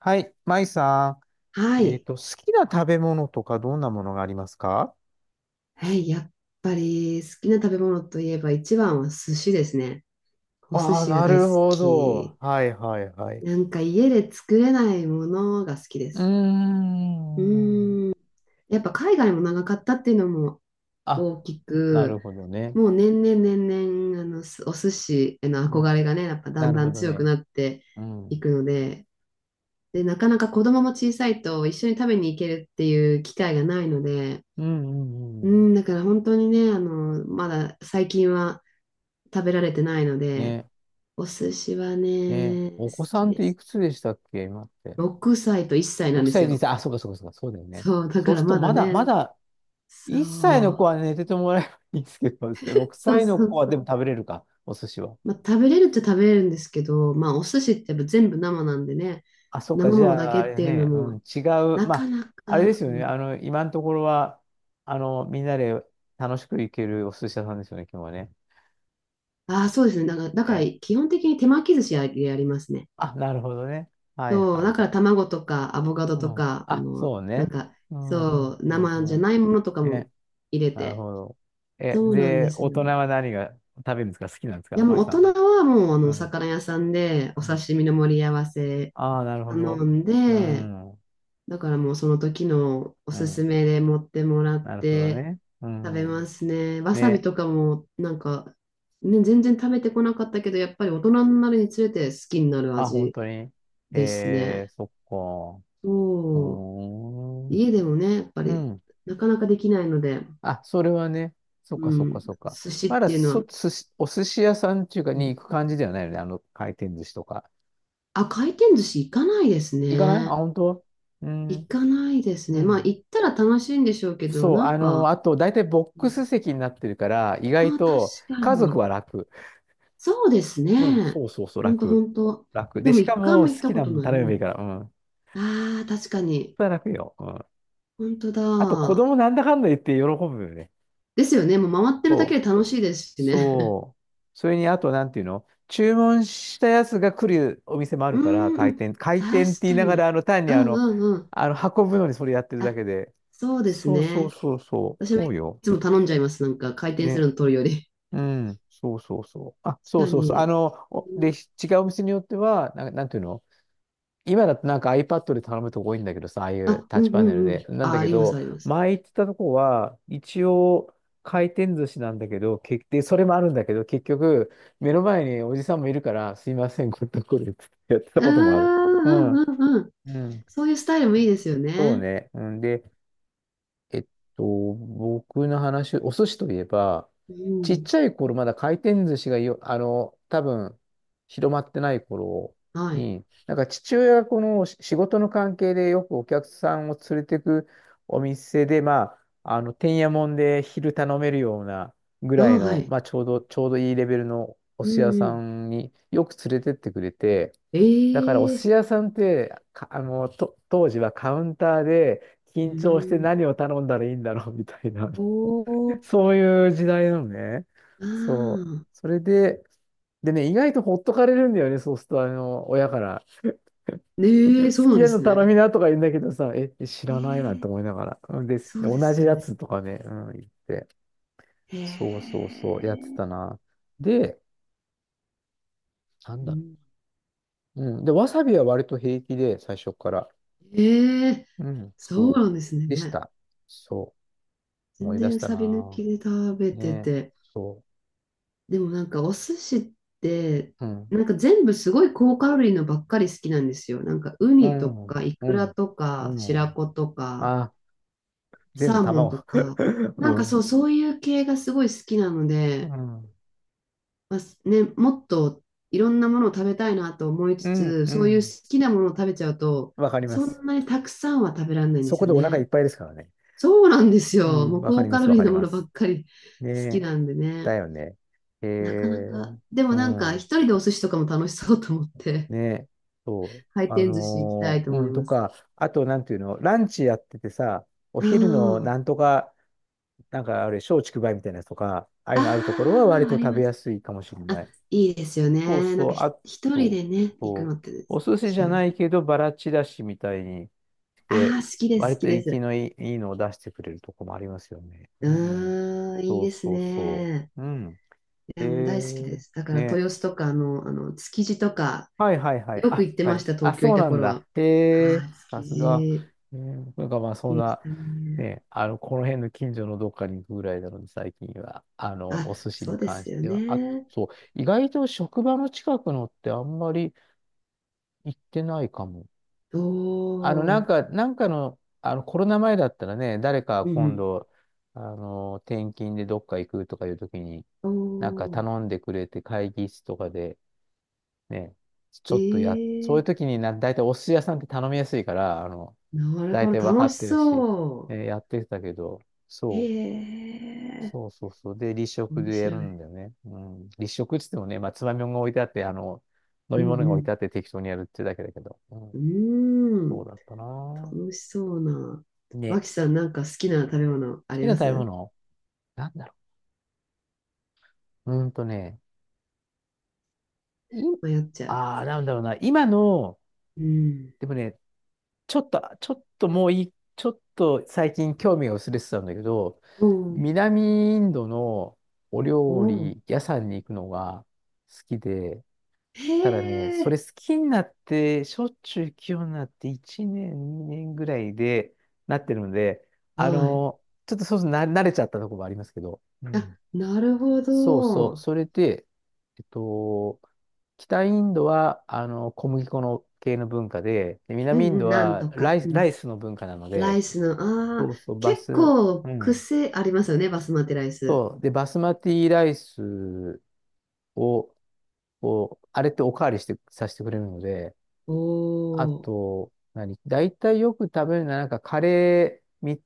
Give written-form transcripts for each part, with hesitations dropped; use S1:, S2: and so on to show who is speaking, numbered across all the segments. S1: はい、マイさ
S2: は
S1: ん。
S2: い。
S1: 好きな食べ物とかどんなものがありますか？
S2: はい。やっぱり好きな食べ物といえば一番は寿司ですね。お寿
S1: ああ、
S2: 司が
S1: な
S2: 大好
S1: るほど。
S2: き。
S1: はいはいはい。
S2: なんか家で作れないものが好きで
S1: うー
S2: す。う
S1: ん。
S2: ーん。やっぱ海外も長かったっていうのも
S1: あ、
S2: 大き
S1: なる
S2: く、
S1: ほどね。
S2: もう年々年々あのすお寿司への
S1: う
S2: 憧
S1: ん。
S2: れがね、やっぱだ
S1: な
S2: ん
S1: る
S2: だ
S1: ほ
S2: ん
S1: ど
S2: 強く
S1: ね。
S2: なって
S1: う
S2: い
S1: ん。
S2: くので、で、なかなか子供も小さいと一緒に食べに行けるっていう機会がないので、
S1: うんうんう
S2: う
S1: ん。
S2: ん、だから本当にね、まだ最近は食べられてないので、
S1: ね。
S2: お寿司は
S1: ね。
S2: ね、好
S1: お子さ
S2: き
S1: んっ
S2: で
S1: てい
S2: す。
S1: くつでしたっけ今って？
S2: 6歳と1歳なん
S1: 6
S2: です
S1: 歳で
S2: よ。
S1: 歳。あ、そうかそうかそうか。そうだよね。
S2: そう、だ
S1: そ
S2: か
S1: う
S2: ら
S1: すると
S2: まだ
S1: まだ、ま
S2: ね、
S1: だ、
S2: そ
S1: 1歳の子
S2: う、
S1: は寝ててもらえばいいんですけど、6
S2: そう
S1: 歳の
S2: そ
S1: 子
S2: う
S1: は
S2: そ
S1: でも
S2: う。
S1: 食べれるか、お寿司は。
S2: まあ、食べれるっちゃ食べれるんですけど、まあ、お寿司ってやっぱ全部生なんでね、
S1: あ、そうか、
S2: 生
S1: じ
S2: ものだ
S1: ゃあ、
S2: け
S1: あ
S2: っ
S1: れ
S2: ていうの
S1: ね、うん、
S2: も、
S1: 違う、
S2: な
S1: ま
S2: か
S1: あ、
S2: な
S1: あれで
S2: か、
S1: すよ
S2: う
S1: ね、
S2: ん、
S1: 今のところは、みんなで楽しく行けるお寿司屋さんですよね、今日はね。
S2: ああ、そうですね。だから
S1: ね。
S2: 基本的に手巻き寿司ややりますね。
S1: あ、なるほどね。はい
S2: そう、
S1: はい
S2: だか
S1: は
S2: ら
S1: い。
S2: 卵とかアボカド
S1: う
S2: と
S1: ん。
S2: か、
S1: あ、そう
S2: なん
S1: ね。
S2: か、
S1: うん、う
S2: そ
S1: ん、
S2: う、
S1: う
S2: 生
S1: ん、
S2: じ
S1: う
S2: ゃない
S1: ん。
S2: ものとかも
S1: ね、
S2: 入れ
S1: なる
S2: て。
S1: ほど。
S2: そうなんで
S1: で、
S2: す
S1: 大人
S2: よ。
S1: は何が食べるんですか好きなんです
S2: い
S1: か
S2: やもう
S1: マイ
S2: 大
S1: さん
S2: 人
S1: は？
S2: はもう
S1: う
S2: お
S1: ん、う
S2: 魚屋さんでお
S1: ん。
S2: 刺身の盛り合わせ
S1: ああ、なるほど。
S2: 頼ん
S1: う
S2: で、
S1: ん、う
S2: だからもうその時のおすす
S1: ん。
S2: めで持ってもらっ
S1: なるほど
S2: て
S1: ね。う
S2: 食べま
S1: ん。
S2: すね。わさび
S1: ね。
S2: とかもなんか、ね、全然食べてこなかったけど、やっぱり大人になるにつれて好きになる
S1: あ、本
S2: 味
S1: 当に。
S2: ですね。
S1: そっか。
S2: そう、
S1: おー
S2: 家でもね、やっぱ
S1: う
S2: り
S1: ん。
S2: なかなかできないので、
S1: あ、それはね。そっか
S2: う
S1: そっか
S2: ん、
S1: そっか。
S2: 寿司
S1: ま
S2: っ
S1: だ
S2: ていうの
S1: そ、
S2: は、
S1: 寿司、お寿司屋さんっていうか
S2: うん、
S1: に行く感じではないよね。あの回転寿司とか。
S2: あ、回転寿司行かないです
S1: 行かないあ、
S2: ね。
S1: 本当う
S2: 行
S1: ん。
S2: かないです
S1: う
S2: ね。まあ、
S1: ん。
S2: 行ったら楽しいんでしょうけど、
S1: そう。
S2: なんか、
S1: あと、大体ボッ
S2: う
S1: ク
S2: ん
S1: ス席になってるから、意外
S2: ああ、
S1: と
S2: 確か
S1: 家族
S2: に。
S1: は楽。
S2: そうです
S1: うん。
S2: ね。
S1: そうそうそう、
S2: ほんと、ほ
S1: 楽。
S2: んと。
S1: 楽。
S2: で
S1: で、
S2: も、
S1: しか
S2: 一回も
S1: も
S2: 行っ
S1: 好
S2: た
S1: き
S2: こ
S1: な
S2: と
S1: もん
S2: ない。う
S1: 頼めばいい
S2: ん、
S1: から。うん。
S2: ああ、確かに。
S1: それは楽よ。うん。
S2: ほんとだ。
S1: あと、子供なんだかんだ言って喜ぶよね。
S2: ですよね。もう回ってるだ
S1: そ
S2: け
S1: う。
S2: で楽しいですしね。
S1: そう。それに、あと、なんていうの注文したやつが来るお店もあ る
S2: うー
S1: から、
S2: んう
S1: 回
S2: ん、
S1: 転。回転って
S2: 確
S1: 言い
S2: か
S1: ながら、
S2: に。
S1: あの、単に
S2: う
S1: あ
S2: んう
S1: の、
S2: んうん。
S1: あの、運ぶのにそれやってるだ
S2: あ、
S1: けで。
S2: そうです
S1: そうそう
S2: ね。
S1: そうそう。
S2: 私も
S1: そ
S2: い
S1: うよ。
S2: つも頼んじゃいます。なんか、回転す
S1: ね。
S2: るの取るより。
S1: うん。そうそうそう。あ、
S2: 確
S1: そう
S2: か
S1: そうそう。
S2: に。うん
S1: 違うお店によっては、なんていうの、今だとなんか iPad で頼むとこ多いんだけどさ、ああいう
S2: あ、
S1: タッ
S2: うん
S1: チ
S2: う
S1: パネル
S2: んうん。
S1: で。なん
S2: あ、
S1: だ
S2: あ
S1: け
S2: ります、
S1: ど、
S2: あります。
S1: 前行ってたとこは、一応回転寿司なんだけど、それもあるんだけど、結局、目の前におじさんもいるから、すいません、これとこれってやってた
S2: うーん、
S1: こともある。うん。
S2: うん、うん、うん。
S1: うん。
S2: そういうスタイルもいいですよ
S1: そう
S2: ね。
S1: ね。うん、で、えっ僕の話、お寿司といえば、
S2: う
S1: ちっ
S2: ん。
S1: ちゃい頃、まだ回転寿司がよ、多分、広まってない頃
S2: はい。
S1: に、なんか父親がこの仕事の関係でよくお客さんを連れてくお店で、まあ、てんやもんで昼頼めるようなぐ
S2: あ、
S1: らい
S2: は
S1: の、
S2: い。
S1: まあ、ちょうどいいレベルのお
S2: う
S1: 寿
S2: ん、
S1: 司屋
S2: う
S1: さ
S2: ん。
S1: んによく連れてってくれて、
S2: え
S1: だからお寿
S2: え
S1: 司屋さんって、か、あの、と、当時はカウンターで
S2: う
S1: 緊張して
S2: ん。
S1: 何を頼んだらいいんだろうみたいな、
S2: お ー、
S1: そういう時代なのね。
S2: あ
S1: そう。
S2: あ。
S1: それで、でね、意外とほっとかれるんだよね、そうすると、親から。
S2: ねえ、そ
S1: す
S2: う
S1: き
S2: なん
S1: 家
S2: で
S1: の
S2: す
S1: 頼
S2: ね。
S1: みなとか言うんだけどさ、知
S2: え
S1: らないなって
S2: え
S1: 思いながら。うんです。
S2: そうで
S1: 同
S2: す
S1: じ
S2: よ
S1: や
S2: ね。
S1: つとかね、うん、言って。
S2: へ
S1: そうそうそう、やって
S2: え。
S1: たな。で、なん
S2: う
S1: だろ
S2: ん、
S1: う。うん。で、わさびは割と平気で、最初から。
S2: ええ
S1: うん、
S2: そう
S1: そう。
S2: なんです
S1: でし
S2: ね。
S1: た。そう。思
S2: 全
S1: い出し
S2: 然
S1: た
S2: サビ抜
S1: な
S2: きで食べ
S1: ぁ。
S2: て
S1: ねえ、
S2: て。
S1: そ
S2: でもなんかお寿司って、
S1: う。うん、
S2: なんか全部すごい高カロリーのばっかり好きなんですよ。なんかウ
S1: う
S2: ニと
S1: ん、
S2: かイ
S1: う
S2: クラ
S1: ん、
S2: とか
S1: う
S2: 白
S1: ん。
S2: 子とか
S1: あ、全部
S2: サーモン
S1: 卵。
S2: とか、な
S1: う
S2: んかそ
S1: ん、
S2: う、そういう系がすごい好きなの
S1: う
S2: で、
S1: ん、
S2: まあすね、もっといろんなものを食べたいなと思い
S1: う
S2: つ
S1: ん、
S2: つ、
S1: う
S2: そういう
S1: ん。
S2: 好きなものを食べちゃうと、
S1: わかりま
S2: そ
S1: す。
S2: んなにたくさんは食べられないんで
S1: そ
S2: す
S1: こ
S2: よ
S1: でお腹いっ
S2: ね。
S1: ぱいですからね。
S2: そうなんです
S1: う
S2: よ。
S1: ん、
S2: もう
S1: わかり
S2: 高
S1: ま
S2: カ
S1: す、
S2: ロ
S1: わ
S2: リー
S1: かり
S2: のも
S1: ま
S2: のば
S1: す。
S2: っかり
S1: ね
S2: 好き
S1: え、
S2: なんで
S1: だ
S2: ね。
S1: よね。え
S2: なかなか、
S1: ー、
S2: でも
S1: う
S2: なんか、一
S1: ん、
S2: 人でお寿司とかも楽しそうと思って、
S1: ねえ、そう。
S2: 回転寿司行きたいと
S1: う
S2: 思い
S1: ん、と
S2: ます。
S1: か、あと、なんていうの、ランチやっててさ、お
S2: あ
S1: 昼の
S2: ー
S1: なんとか、なんかあれ、松竹梅みたいなやつとか、ああいうのあるところは
S2: あ
S1: 割
S2: あ、
S1: と
S2: あり
S1: 食べ
S2: ます。
S1: やすいかもしれな
S2: あ、
S1: い。
S2: いいですよ
S1: そう
S2: ね。なん
S1: そ
S2: か
S1: う、あ
S2: 一人
S1: と、
S2: でね、行く
S1: そ
S2: の
S1: う、
S2: って
S1: お寿司じ
S2: 幸
S1: ゃない
S2: せ。
S1: けど、バラちらしみたいにし
S2: あ
S1: て、
S2: あ、好きです、
S1: 割
S2: 好き
S1: と
S2: で
S1: 生き
S2: す。
S1: のいい、のを出してくれるとこもありますよね。
S2: う
S1: うん、
S2: ーん、いい
S1: そう
S2: です
S1: そうそ
S2: ね。
S1: う。うん。
S2: い
S1: え
S2: や、もう大好きで
S1: ー、
S2: す。だから、
S1: ね。
S2: 豊洲とかの、築地とか、
S1: はいはいはい。
S2: よく
S1: あ、
S2: 行っ
S1: 聞
S2: て
S1: か
S2: ま
S1: れ
S2: し
S1: る。
S2: た、
S1: あ、
S2: 東京
S1: そ
S2: い
S1: う
S2: た
S1: なん
S2: 頃
S1: だ。
S2: は。
S1: へえ、
S2: ああ、築
S1: さすが。
S2: 地、
S1: なんかまあ、そ
S2: 好き
S1: ん
S2: でし
S1: な、
S2: たね。
S1: ね、この辺の近所のどっかに行くぐらいなので、最近は、
S2: あ、
S1: お寿司
S2: そ
S1: に
S2: うで
S1: 関
S2: す
S1: し
S2: よ
S1: ては。あ、
S2: ね。
S1: そう、意外と職場の近くのってあんまり行ってないかも。
S2: おー。
S1: なんかの、コロナ前だったらね、誰か
S2: うんう
S1: 今
S2: ん
S1: 度、転勤でどっか行くとかいう時に、
S2: お
S1: なんか
S2: ー、
S1: 頼んでくれて会議室とかで、ね、ちょっとや、そうい
S2: え
S1: う
S2: え
S1: 時にな、大体お寿司屋さんって頼みやすいから、
S2: なる
S1: 大
S2: ほ
S1: 体
S2: ど、
S1: 分か
S2: 楽
S1: っ
S2: し
S1: てるし、
S2: そ
S1: やってたけど、そう、
S2: う。ええ
S1: そうそうそう。で、立食
S2: 面
S1: でや
S2: 白
S1: るん
S2: い。
S1: だよね。うん。立食っつってもね、まあ、つまみもんが置いてあって、飲
S2: う
S1: み物が置いてあ
S2: ん
S1: って適当にやるってだけだけど。うん。
S2: うん。うー
S1: そう
S2: ん、
S1: だったな
S2: 楽
S1: ぁ。
S2: しそうな。
S1: ね。
S2: 脇さん、なんか好きな食べ物あ
S1: 好
S2: り
S1: きな
S2: ま
S1: 食べ
S2: す？
S1: 物なんだろう。い、
S2: 迷っちゃ
S1: ああ、なんだろうな。今の、
S2: う。うん。
S1: でもね、ちょっともういい、ちょっと最近興味が薄れてたんだけど、
S2: おー
S1: 南インドのお
S2: お
S1: 料
S2: ー、
S1: 理屋さんに行くのが好きで、
S2: へ
S1: ただね、それ
S2: え、
S1: 好きになって、しょっちゅう行くようになって1年、2年ぐらいでなってるので、あ
S2: はい。
S1: の、ちょっとそうそうな慣れちゃったところもありますけど、う
S2: あ、
S1: ん
S2: なるほ
S1: そうそう。
S2: ど。
S1: それで、えっと、北インドは、小麦粉の系の文化で、で
S2: うん
S1: 南イン
S2: う
S1: ド
S2: ん、なん
S1: は
S2: と
S1: ラ
S2: か。
S1: イス、
S2: う
S1: ラ
S2: ん。
S1: イスの文化なの
S2: ラ
S1: で、
S2: イスの、ああ、
S1: そうそう、
S2: 結構
S1: うん。
S2: 癖ありますよね、バスマティライス。
S1: そう。で、バスマティライスを、こう、あれっておかわりして、させてくれるので、
S2: お
S1: あ
S2: お、
S1: と、何大体よく食べるのは、なんかカレー3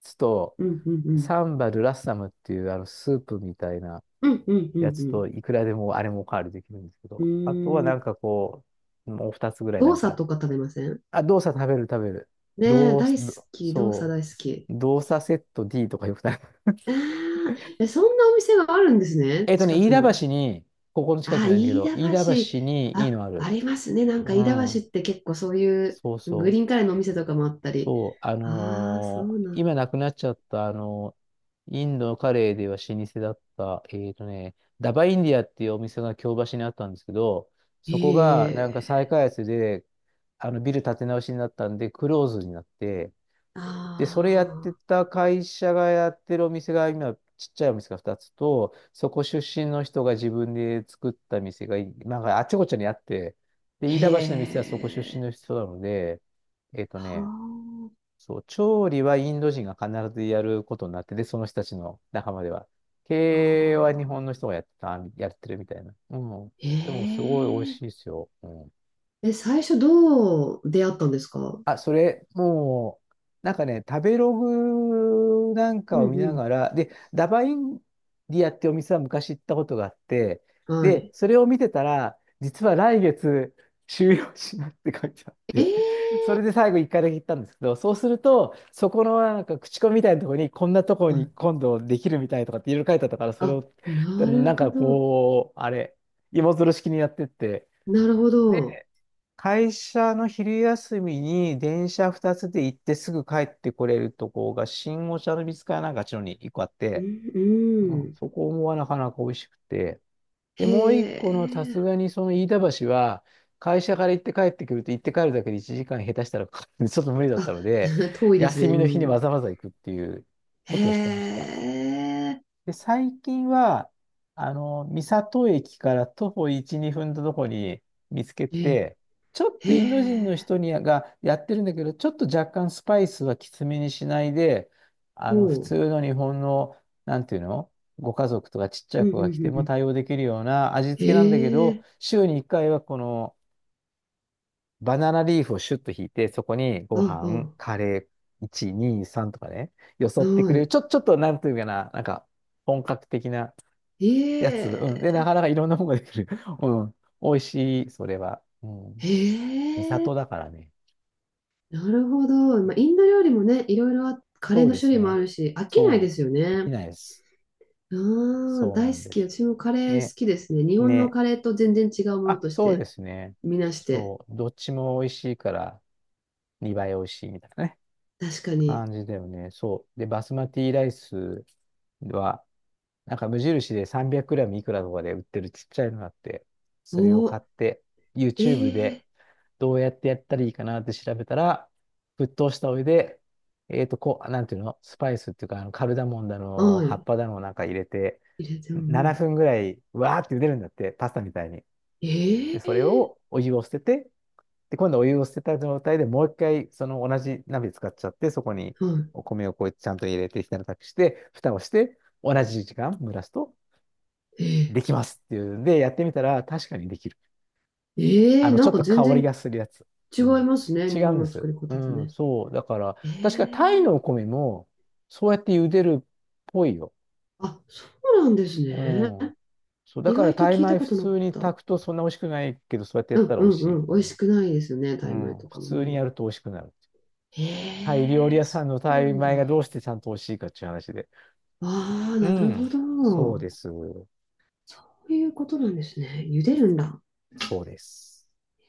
S1: つと、
S2: うんうん
S1: サンバルラッサムっていう、スープみたいな、
S2: うんうんう
S1: やつ
S2: ん
S1: と、いくらでもあれもおかわりできるんですけ
S2: う
S1: ど、あとは
S2: ん。うー
S1: なん
S2: ん。
S1: かこう、もう二つぐらいな
S2: 動
S1: ん
S2: 作
S1: か、
S2: とか食べません？
S1: あ、動作食べる食べる。
S2: ねえ、
S1: 動
S2: 大
S1: 作、
S2: 好
S1: ど
S2: き。動作
S1: そ
S2: 大好き。
S1: う、動作セット D とかよくない？
S2: ああ、え、そんなお店があるんですね。近
S1: 飯
S2: く
S1: 田
S2: に。
S1: 橋に、ここの近くじ
S2: あ
S1: ゃないんだけ
S2: 飯
S1: ど、
S2: 田
S1: 飯田
S2: 橋。
S1: 橋にいい
S2: あ、
S1: のある。
S2: ありますね。なんか
S1: う
S2: 飯田
S1: ん、
S2: 橋って結構そういう
S1: そう
S2: グ
S1: そ
S2: リーン
S1: う。
S2: カレーのお店とかもあったり。
S1: そう、
S2: ああ、そうなん
S1: 今
S2: だ。
S1: なくなっちゃった、インドカレーでは老舗だった、ダバインディアっていうお店が京橋にあったんですけど、
S2: へ
S1: そこがなんか再
S2: え。
S1: 開発で、あのビル建て直しになったんで、クローズになって、
S2: あ
S1: で、それやって
S2: あ、
S1: た会社がやってるお店が今、ちっちゃいお店が2つと、そこ出身の人が自分で作った店が、なんかあっちこっちにあって、で、飯田橋の店は
S2: へ
S1: そこ出身
S2: え。
S1: の人なので、えっとね、
S2: は
S1: そう、調理はインド人が必ずやることになってて、その人たちの仲間では。
S2: あ。
S1: 経営は日本の人がやってた、やってるみたいな。うん。
S2: へ
S1: でも、すごい美味
S2: え。
S1: しいですよ。うん。
S2: え、最初どう出会ったんですか？
S1: あ、それ、もう、なんかね、食べログなん
S2: う
S1: か
S2: ん
S1: を見
S2: う
S1: な
S2: ん
S1: がら、で、ダバインディアってお店は昔行ったことがあって、
S2: は
S1: で、
S2: い。
S1: それを見てたら、実は来月終了しますって書いてあっ
S2: え
S1: て、それ
S2: え
S1: で最後一回だけ行ったんですけど、そうすると、そこのなんか口コミみたいなところに、こんなところ
S2: ーは
S1: に
S2: い。
S1: 今度できるみたいとかっていろいろ書いてあったから、それ
S2: あ、
S1: を、
S2: な
S1: な
S2: る
S1: ん
S2: ほ
S1: か
S2: ど。
S1: こう、あれ、芋づる式にやってって、
S2: なるほ
S1: で。
S2: ど。
S1: 会社の昼休みに電車2つで行ってすぐ帰ってこれるとこが新御茶ノ水かなんかあっちの方に一個あっ
S2: う
S1: て、
S2: ん、う
S1: うん、
S2: ん。
S1: そこもなかなか美味しくて。で、もう一
S2: へ
S1: 個のさす
S2: え。
S1: がにその飯田橋は会社から行って帰ってくると行って帰るだけで1時間下手したらかかるんでちょっと無理だった
S2: あ、
S1: ので、
S2: 遠いです
S1: 休
S2: ね。う
S1: みの日にわ
S2: ん。
S1: ざわざ行くっていうこ
S2: へ
S1: とをしてました。
S2: え。
S1: で、最近は、あの、三郷駅から徒歩1、2分のとこに見つけ
S2: え、
S1: て、ちょっ
S2: へ
S1: とインド人の
S2: え。
S1: 人がやってるんだけど、ちょっと若干スパイスはきつめにしないで、あ
S2: ほ
S1: の、普通の日本の、なんていうのご家族とかちっちゃ
S2: う。
S1: い
S2: うん、う
S1: 子
S2: ん、
S1: が来て
S2: う
S1: も
S2: ん。
S1: 対応できるような味付けなんだけ
S2: へ
S1: ど、
S2: え。
S1: 週に1回はこのバナナリーフをシュッと引いて、そこにご飯、
S2: あ、
S1: カレー、1、2、3とかね、よそ
S2: あ、
S1: ってく
S2: は
S1: れる。
S2: い。
S1: ちょっとなんていうかな、なんか本格的なや
S2: え
S1: つ、うん。で、な
S2: え。
S1: かなかいろんなものができる。うん。美味しい、それは。う
S2: へ
S1: ん。三
S2: え。
S1: 里だからね。
S2: なるほど。まあ、インド料理もね、いろいろカレ
S1: そ
S2: ー
S1: う
S2: の
S1: で
S2: 種
S1: す
S2: 類もあ
S1: ね。
S2: るし、飽きないで
S1: そう。
S2: すよ
S1: でき
S2: ね。
S1: ないです。
S2: ああ、
S1: そうな
S2: 大好
S1: んで
S2: き。
S1: す。
S2: 私もカレー
S1: ね、
S2: 好きですね。日本の
S1: ね。
S2: カレーと全然違うもの
S1: あ、
S2: とし
S1: そう
S2: て
S1: ですね。
S2: みなして。
S1: そう。どっちも美味しいから、2倍美味しいみたいなね。
S2: 確かに。
S1: 感じだよね。そう。で、バスマティライスは、なんか無印で300ムいくらとかで売ってるちっちゃいのがあって、それを
S2: お
S1: 買っ
S2: ー、
S1: て、
S2: え
S1: YouTube
S2: ー、
S1: でどうやってやったらいいかなって調べたら、沸騰したお湯で、こう、なんていうの、スパイスっていうか、あのカルダモンだの、
S2: は
S1: 葉っ
S2: い。
S1: ぱだのなんか入れて、
S2: 入れて、も、う
S1: 7
S2: ん。
S1: 分ぐらい、わーって茹でるんだって、パスタみたいに。で、
S2: え
S1: それ
S2: ー、
S1: をお湯を捨てて、で、今度お湯を捨てた状態でもう一回その同じ鍋使っちゃって、そこに
S2: は
S1: お米をこうやってちゃんと入れてひたたくして、蓋をして、同じ時間蒸らすと
S2: い。
S1: できますっていうんで、やってみたら確かにできる。あの、
S2: な
S1: ちょ
S2: ん
S1: っ
S2: か
S1: と香
S2: 全
S1: り
S2: 然
S1: がするやつ。
S2: 違
S1: う
S2: い
S1: ん。
S2: ますね。
S1: 違
S2: 日
S1: う
S2: 本
S1: んで
S2: の作
S1: す。
S2: り方
S1: う
S2: と
S1: ん、
S2: ね。
S1: そう。だから、
S2: え
S1: 確かタイ
S2: ー、
S1: のお米も、そうやって茹でるっぽいよ。
S2: あ、そうなんです
S1: う
S2: ね。
S1: ん。そう。だ
S2: 意
S1: から
S2: 外と
S1: タイ
S2: 聞いた
S1: 米
S2: こ
S1: 普
S2: となか
S1: 通
S2: っ
S1: に
S2: た。
S1: 炊くとそんな美味しくないけど、そうやってや
S2: う
S1: った
S2: ん
S1: ら
S2: う
S1: 美味
S2: ん
S1: しい
S2: うん。
S1: と
S2: 美
S1: か
S2: 味
S1: ね。
S2: しくないですよね。タ
S1: う
S2: イ米
S1: ん。
S2: と
S1: 普
S2: かもあん
S1: 通
S2: ま
S1: にや
S2: り。
S1: ると美味しくなる。
S2: え
S1: タイ料理
S2: え
S1: 屋
S2: そ
S1: さんの
S2: うな
S1: タイ
S2: ん
S1: 米がど
S2: だ。
S1: うしてちゃんと美味しいかっていう話で。
S2: ああ、
S1: う
S2: なるほ
S1: ん。そう
S2: ど。
S1: です。
S2: そういうことなんですね。茹でるんだ。
S1: そうです。